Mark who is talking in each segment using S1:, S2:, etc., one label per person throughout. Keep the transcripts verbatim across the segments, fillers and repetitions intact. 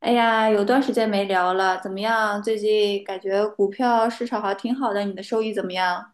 S1: 哎呀，有段时间没聊了，怎么样？最近感觉股票市场还挺好的，你的收益怎么样？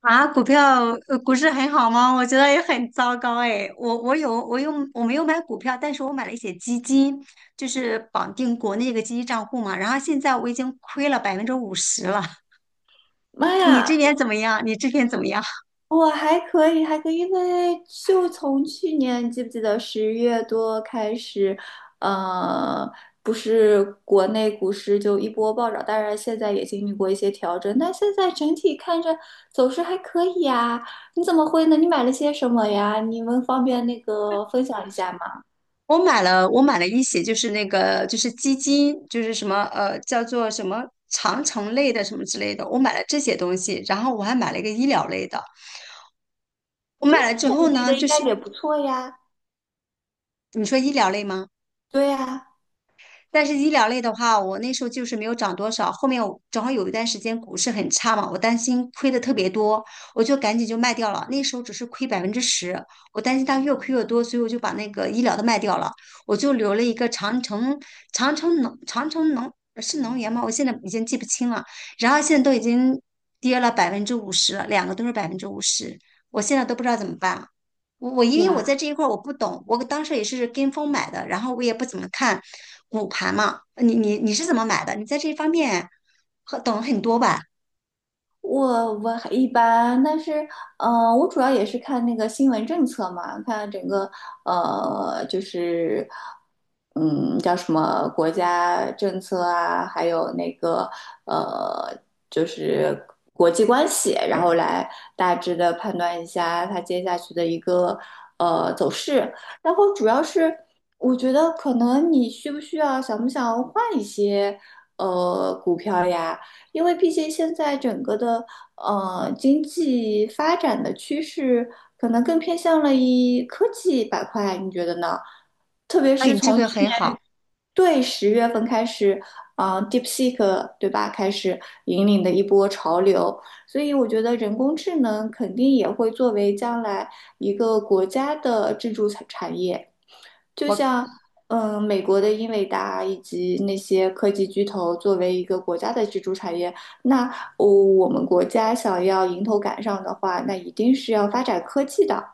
S2: 啊，股票呃股市很好吗？我觉得也很糟糕哎。我我有我有我没有买股票，但是我买了一些基金，就是绑定国内一个基金账户嘛。然后现在我已经亏了百分之五十了。
S1: 妈
S2: 你这
S1: 呀，
S2: 边怎么样？你这边怎么样？
S1: 我还可以，还可以，因为就从去年，你记不记得十月多开始，呃，不是国内股市就一波暴涨，当然现在也经历过一些调整，但现在整体看着走势还可以呀。你怎么会呢？你买了些什么呀？你们方便那个分享一下吗？
S2: 我买了我买了一些，就是那个就是基金，就是什么呃叫做什么长城类的什么之类的，我买了这些东西，然后我还买了一个医疗类的。我买了之
S1: 我
S2: 后
S1: 觉
S2: 呢，
S1: 的应
S2: 就
S1: 该
S2: 是
S1: 也不错呀。
S2: 你说医疗类吗？
S1: 对呀。
S2: 但是医疗类的话，我那时候就是没有涨多少。后面我正好有一段时间股市很差嘛，我担心亏的特别多，我就赶紧就卖掉了。那时候只是亏百分之十，我担心它越亏越多，所以我就把那个医疗的卖掉了。我就留了一个长城，长城能，长城能是能源吗？我现在已经记不清了。然后现在都已经跌了百分之五十了，两个都是百分之五十，我现在都不知道怎么办了。我我因
S1: 对
S2: 为我
S1: 呀，
S2: 在这一块儿我不懂，我当时也是跟风买的，然后我也不怎么看股盘嘛。你你你是怎么买的？你在这方面很懂很多吧？
S1: 我我还一般，但是，嗯，我主要也是看那个新闻政策嘛，看整个，呃，就是，嗯，叫什么国家政策啊，还有那个，呃，就是国际关系，然后来大致的判断一下它接下去的一个，呃，走势。然后主要是，我觉得可能你需不需要，想不想换一些，呃，股票呀？因为毕竟现在整个的呃经济发展的趋势，可能更偏向了一科技板块，你觉得呢？特别
S2: 那
S1: 是
S2: 你这
S1: 从去
S2: 个很
S1: 年
S2: 好，
S1: 对十月份开始，啊、d e e p s e e k 对吧，开始引领的一波潮流，所以我觉得人工智能肯定也会作为将来一个国家的支柱产产业。就
S2: 我
S1: 像嗯、呃美国的英伟达以及那些科技巨头作为一个国家的支柱产业，那哦我们国家想要迎头赶上的话，那一定是要发展科技的。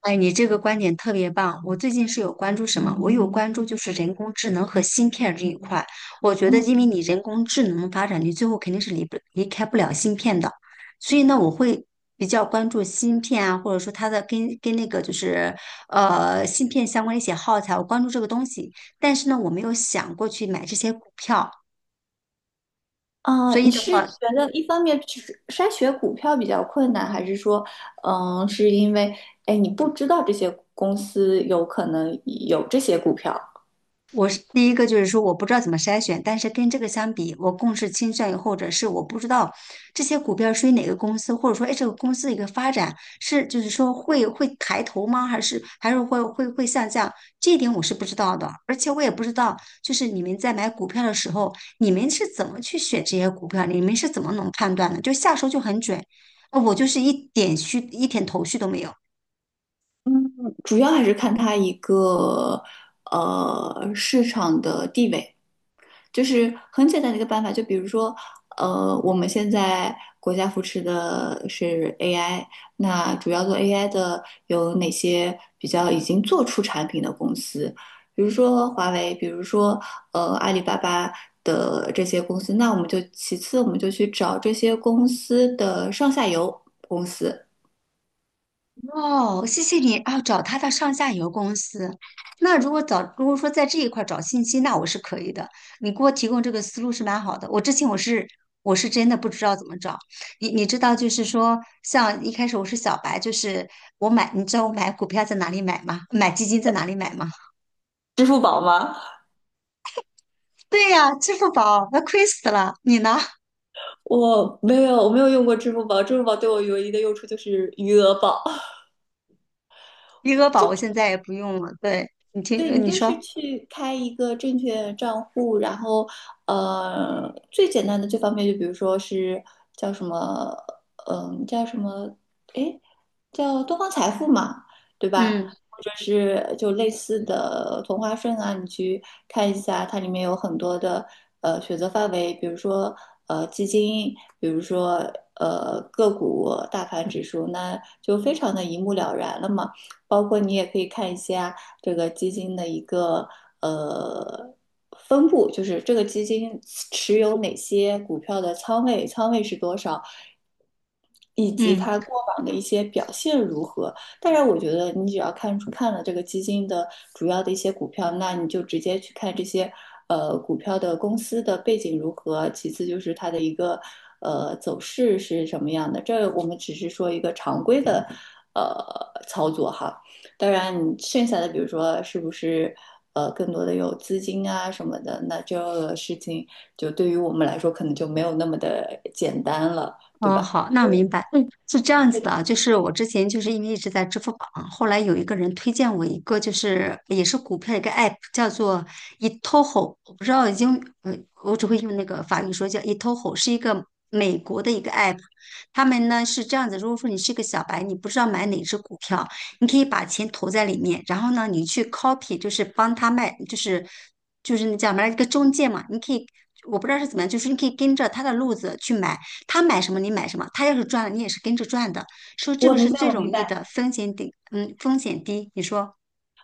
S2: 哎，你这个观点特别棒。我最近是有关注什么？我有关注就是人工智能和芯片这一块。我觉得，
S1: 嗯
S2: 因为你人工智能发展，你最后肯定是离不离开不了芯片的。所以呢，我会比较关注芯片啊，或者说它的跟跟那个就是呃芯片相关的一些耗材，我关注这个东西。但是呢，我没有想过去买这些股票。
S1: 啊、
S2: 所以
S1: 你
S2: 的
S1: 是
S2: 话，
S1: 觉得一方面是筛选股票比较困难，还是说，嗯、是因为哎你不知道这些公司有可能有这些股票，
S2: 我是第一个就是说我不知道怎么筛选，但是跟这个相比，我更是倾向于或者是我不知道这些股票属于哪个公司，或者说哎这个公司的一个发展是就是说会会抬头吗？还是还是会会会下降？这一点我是不知道的，而且我也不知道就是你们在买股票的时候，你们是怎么去选这些股票，你们是怎么能判断的？就下手就很准，呃我就是一点虚一点头绪都没有。
S1: 主要还是看它一个呃市场的地位。就是很简单的一个办法，就比如说，呃，我们现在国家扶持的是 A I，那主要做 A I 的有哪些比较已经做出产品的公司？比如说华为，比如说呃阿里巴巴的这些公司，那我们就其次我们就去找这些公司的上下游公司。
S2: 哦，谢谢你啊，找他的上下游公司。那如果找，如果说在这一块儿找信息，那我是可以的。你给我提供这个思路是蛮好的。我之前我是我是真的不知道怎么找。你你知道，就是说，像一开始我是小白，就是我买，你知道我买股票在哪里买吗？买基金在哪里买吗？
S1: 支付宝吗？
S2: 对呀，支付宝，那亏死了。你呢？
S1: 我没有，我没有用过支付宝。支付宝对我唯一的用处就是余额宝。
S2: 余额宝我现在也不用了。对，你听，
S1: 对
S2: 呃
S1: 你
S2: 你
S1: 就是
S2: 说，
S1: 去开一个证券账户，然后呃，最简单的这方面就比如说是叫什么，嗯、叫什么，哎，叫东方财富嘛，对吧？
S2: 嗯
S1: 或者是就类似的同花顺啊，你去看一下，它里面有很多的呃选择范围，比如说呃基金，比如说呃个股、大盘指数，那就非常的一目了然了嘛。包括你也可以看一下这个基金的一个呃分布，就是这个基金持有哪些股票的仓位，仓位是多少，以及
S2: 嗯。
S1: 它过往的一些表现如何。当然，我觉得你只要看出看了这个基金的主要的一些股票，那你就直接去看这些呃股票的公司的背景如何，其次就是它的一个呃走势是什么样的。这我们只是说一个常规的呃操作哈。当然，你剩下的比如说是不是呃更多的有资金啊什么的，那这个事情就对于我们来说可能就没有那么的简单了，对
S2: 嗯，
S1: 吧？
S2: 好，那明白。嗯，是这样子的啊，就是我之前就是因为一直在支付宝，后来有一个人推荐我一个，就是也是股票一个 app，叫做 eToro，我不知道英语，呃，我只会用那个法语说叫 eToro，是一个美国的一个 app。他们呢是这样子，如果说你是一个小白，你不知道买哪只股票，你可以把钱投在里面，然后呢，你去 copy，就是帮他卖，就是就是那叫什么来一个中介嘛，你可以，我不知道是怎么样，就是你可以跟着他的路子去买。他买什么你买什么，他要是赚了你也是跟着赚的。说这
S1: 我
S2: 个是
S1: 明白，
S2: 最
S1: 我
S2: 容
S1: 明
S2: 易
S1: 白，
S2: 的，风险低，嗯，风险低。你说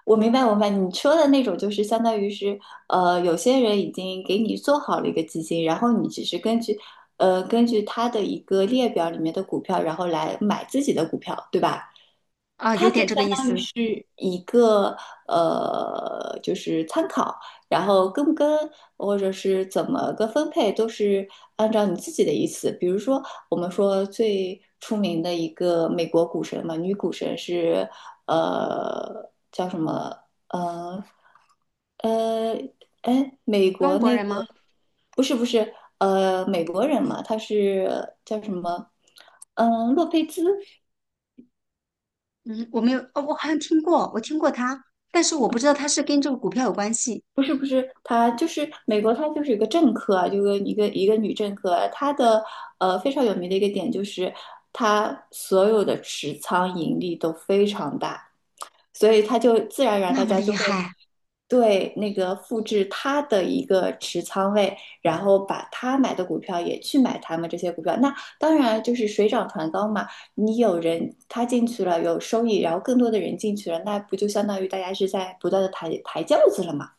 S1: 我明白，我明白。你说的那种就是相当于是，呃，有些人已经给你做好了一个基金，然后你只是根据，呃，根据他的一个列表里面的股票，然后来买自己的股票，对吧？
S2: 啊，有
S1: 它就
S2: 点
S1: 相
S2: 这个意
S1: 当于
S2: 思。
S1: 是一个呃，就是参考，然后跟不跟，或者是怎么个分配，都是按照你自己的意思。比如说，我们说最出名的一个美国股神嘛，女股神是呃叫什么？呃呃，哎，美
S2: 中
S1: 国
S2: 国
S1: 那
S2: 人
S1: 个
S2: 吗？
S1: 不是不是呃美国人嘛，他是叫什么？嗯、洛佩兹。
S2: 嗯，我没有，哦，我好像听过，我听过他，但是我不知道他是跟这个股票有关系，
S1: 不是不是，她就是美国，她就是一个政客啊，就是一个一个女政客啊。她的呃非常有名的一个点就是，她所有的持仓盈利都非常大，所以她就自然而然
S2: 那
S1: 大
S2: 么
S1: 家
S2: 厉
S1: 就会
S2: 害。
S1: 对那个复制她的一个持仓位，然后把她买的股票也去买他们这些股票。那当然就是水涨船高嘛，你有人他进去了有收益，然后更多的人进去了，那不就相当于大家是在不断的抬抬轿子了嘛？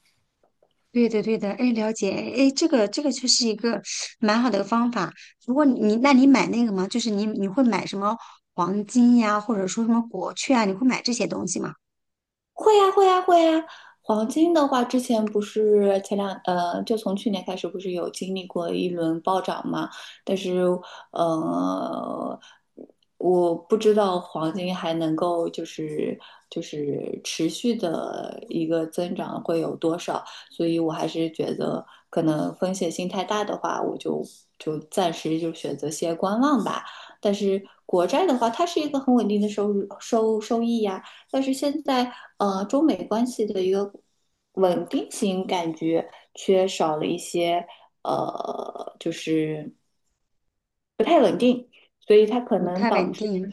S2: 对的，对的，哎，了解，哎，这个这个就是一个蛮好的方法。如果你，那你买那个吗？就是你你会买什么黄金呀，或者说什么国券啊？你会买这些东西吗？
S1: 会呀，会呀，会呀。黄金的话，之前不是前两呃，就从去年开始，不是有经历过一轮暴涨嘛？但是呃，我不知道黄金还能够就是就是持续的一个增长会有多少，所以我还是觉得可能风险性太大的话，我就就暂时就选择先观望吧。但是国债的话，它是一个很稳定的收入收收益呀。但是现在呃，中美关系的一个稳定性感觉缺少了一些呃，就是硬，所以它可
S2: 不
S1: 能
S2: 太
S1: 导
S2: 稳
S1: 致
S2: 定。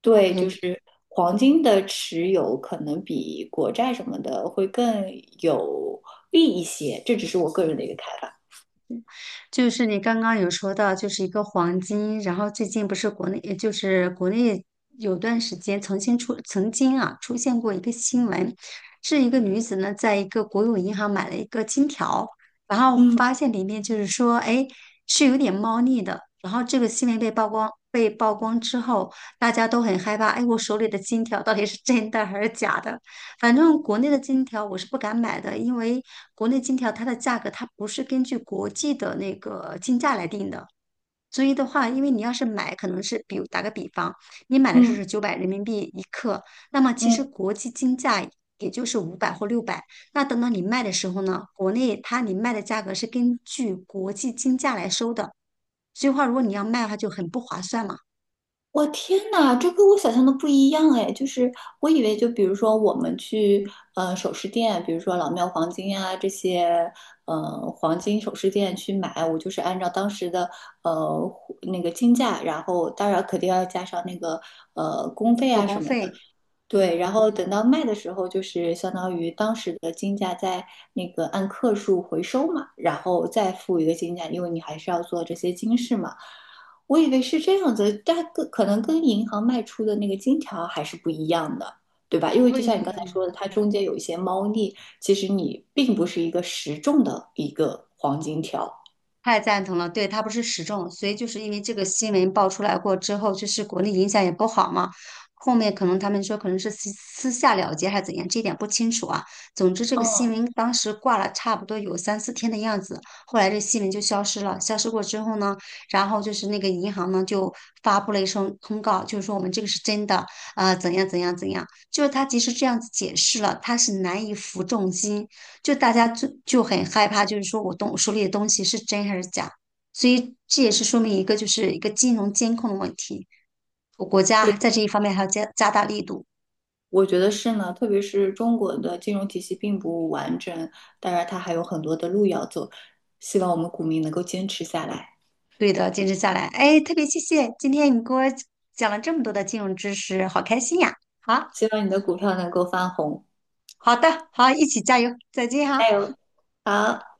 S1: 对就
S2: OK。
S1: 是黄金的持有可能比国债什么的会更有利一些，这只是我个人的一个看法。
S2: 就是你刚刚有说到，就是一个黄金，然后最近不是国内，也就是国内有段时间曾经出，曾经啊出现过一个新闻，是一个女子呢在一个国有银行买了一个金条，然后
S1: 嗯。
S2: 发现里面就是说，哎，是有点猫腻的。然后这个新闻被曝光，被曝光之后，大家都很害怕，哎，我手里的金条到底是真的还是假的？反正国内的金条我是不敢买的，因为国内金条它的价格它不是根据国际的那个金价来定的，所以的话，因为你要是买，可能是比如打个比方，你买的时候
S1: 嗯。
S2: 是九百人民币一克，那么其实
S1: 嗯。
S2: 国际金价也就是五百或六百，那等到你卖的时候呢，国内它你卖的价格是根据国际金价来收的，所以话如果你要卖的话就很不划算嘛，
S1: 我天呐，这跟我想象的不一样哎！就是我以为，就比如说我们去呃首饰店，比如说老庙黄金啊这些，呃黄金首饰店去买，我就是按照当时的呃那个金价，然后当然肯定要加上那个呃工费
S2: 手
S1: 啊
S2: 工
S1: 什么
S2: 费，
S1: 对，
S2: 嗯。
S1: 然后等到卖的时候，就是相当于当时的金价在那个按克数回收嘛，然后再付一个金价，因为你还是要做这些金饰嘛。我以为是这样子，但跟可能跟银行卖出的那个金条还是不一样的，对吧？因为
S2: 对
S1: 就像你刚才
S2: 样。
S1: 说的，它中间有一些猫腻，其实你并不是一个实重的一个黄金条。
S2: 太赞同了，对，它不是时政，所以就是因为这个新闻爆出来过之后，就是国内影响也不好嘛。后面可能他们说可能是私私下了结还是怎样，这点不清楚啊。总之，这个新
S1: 嗯，
S2: 闻当时挂了差不多有三四天的样子，后来这新闻就消失了。消失过之后呢，然后就是那个银行呢就发布了一声通告，就是说我们这个是真的，呃，怎样怎样怎样。就是他即使这样子解释了，他是难以服众心。就大家就就很害怕，就是说我东手里的东西是真还是假，所以这也是说明一个就是一个金融监控的问题，我国
S1: 对。
S2: 家在这一方面还要加加大力度。
S1: 我觉得是呢，特别是中国的金融体系并不完整，当然它还有很多的路要走。希望我们股民能够坚持下来，
S2: 对的，坚持下来，哎，特别谢谢今天你给我讲了这么多的金融知识，好开心呀！好，
S1: 希望你的股票能够翻红，
S2: 好的，好，一起加油，再见哈。
S1: 加油！
S2: 好的。
S1: 好。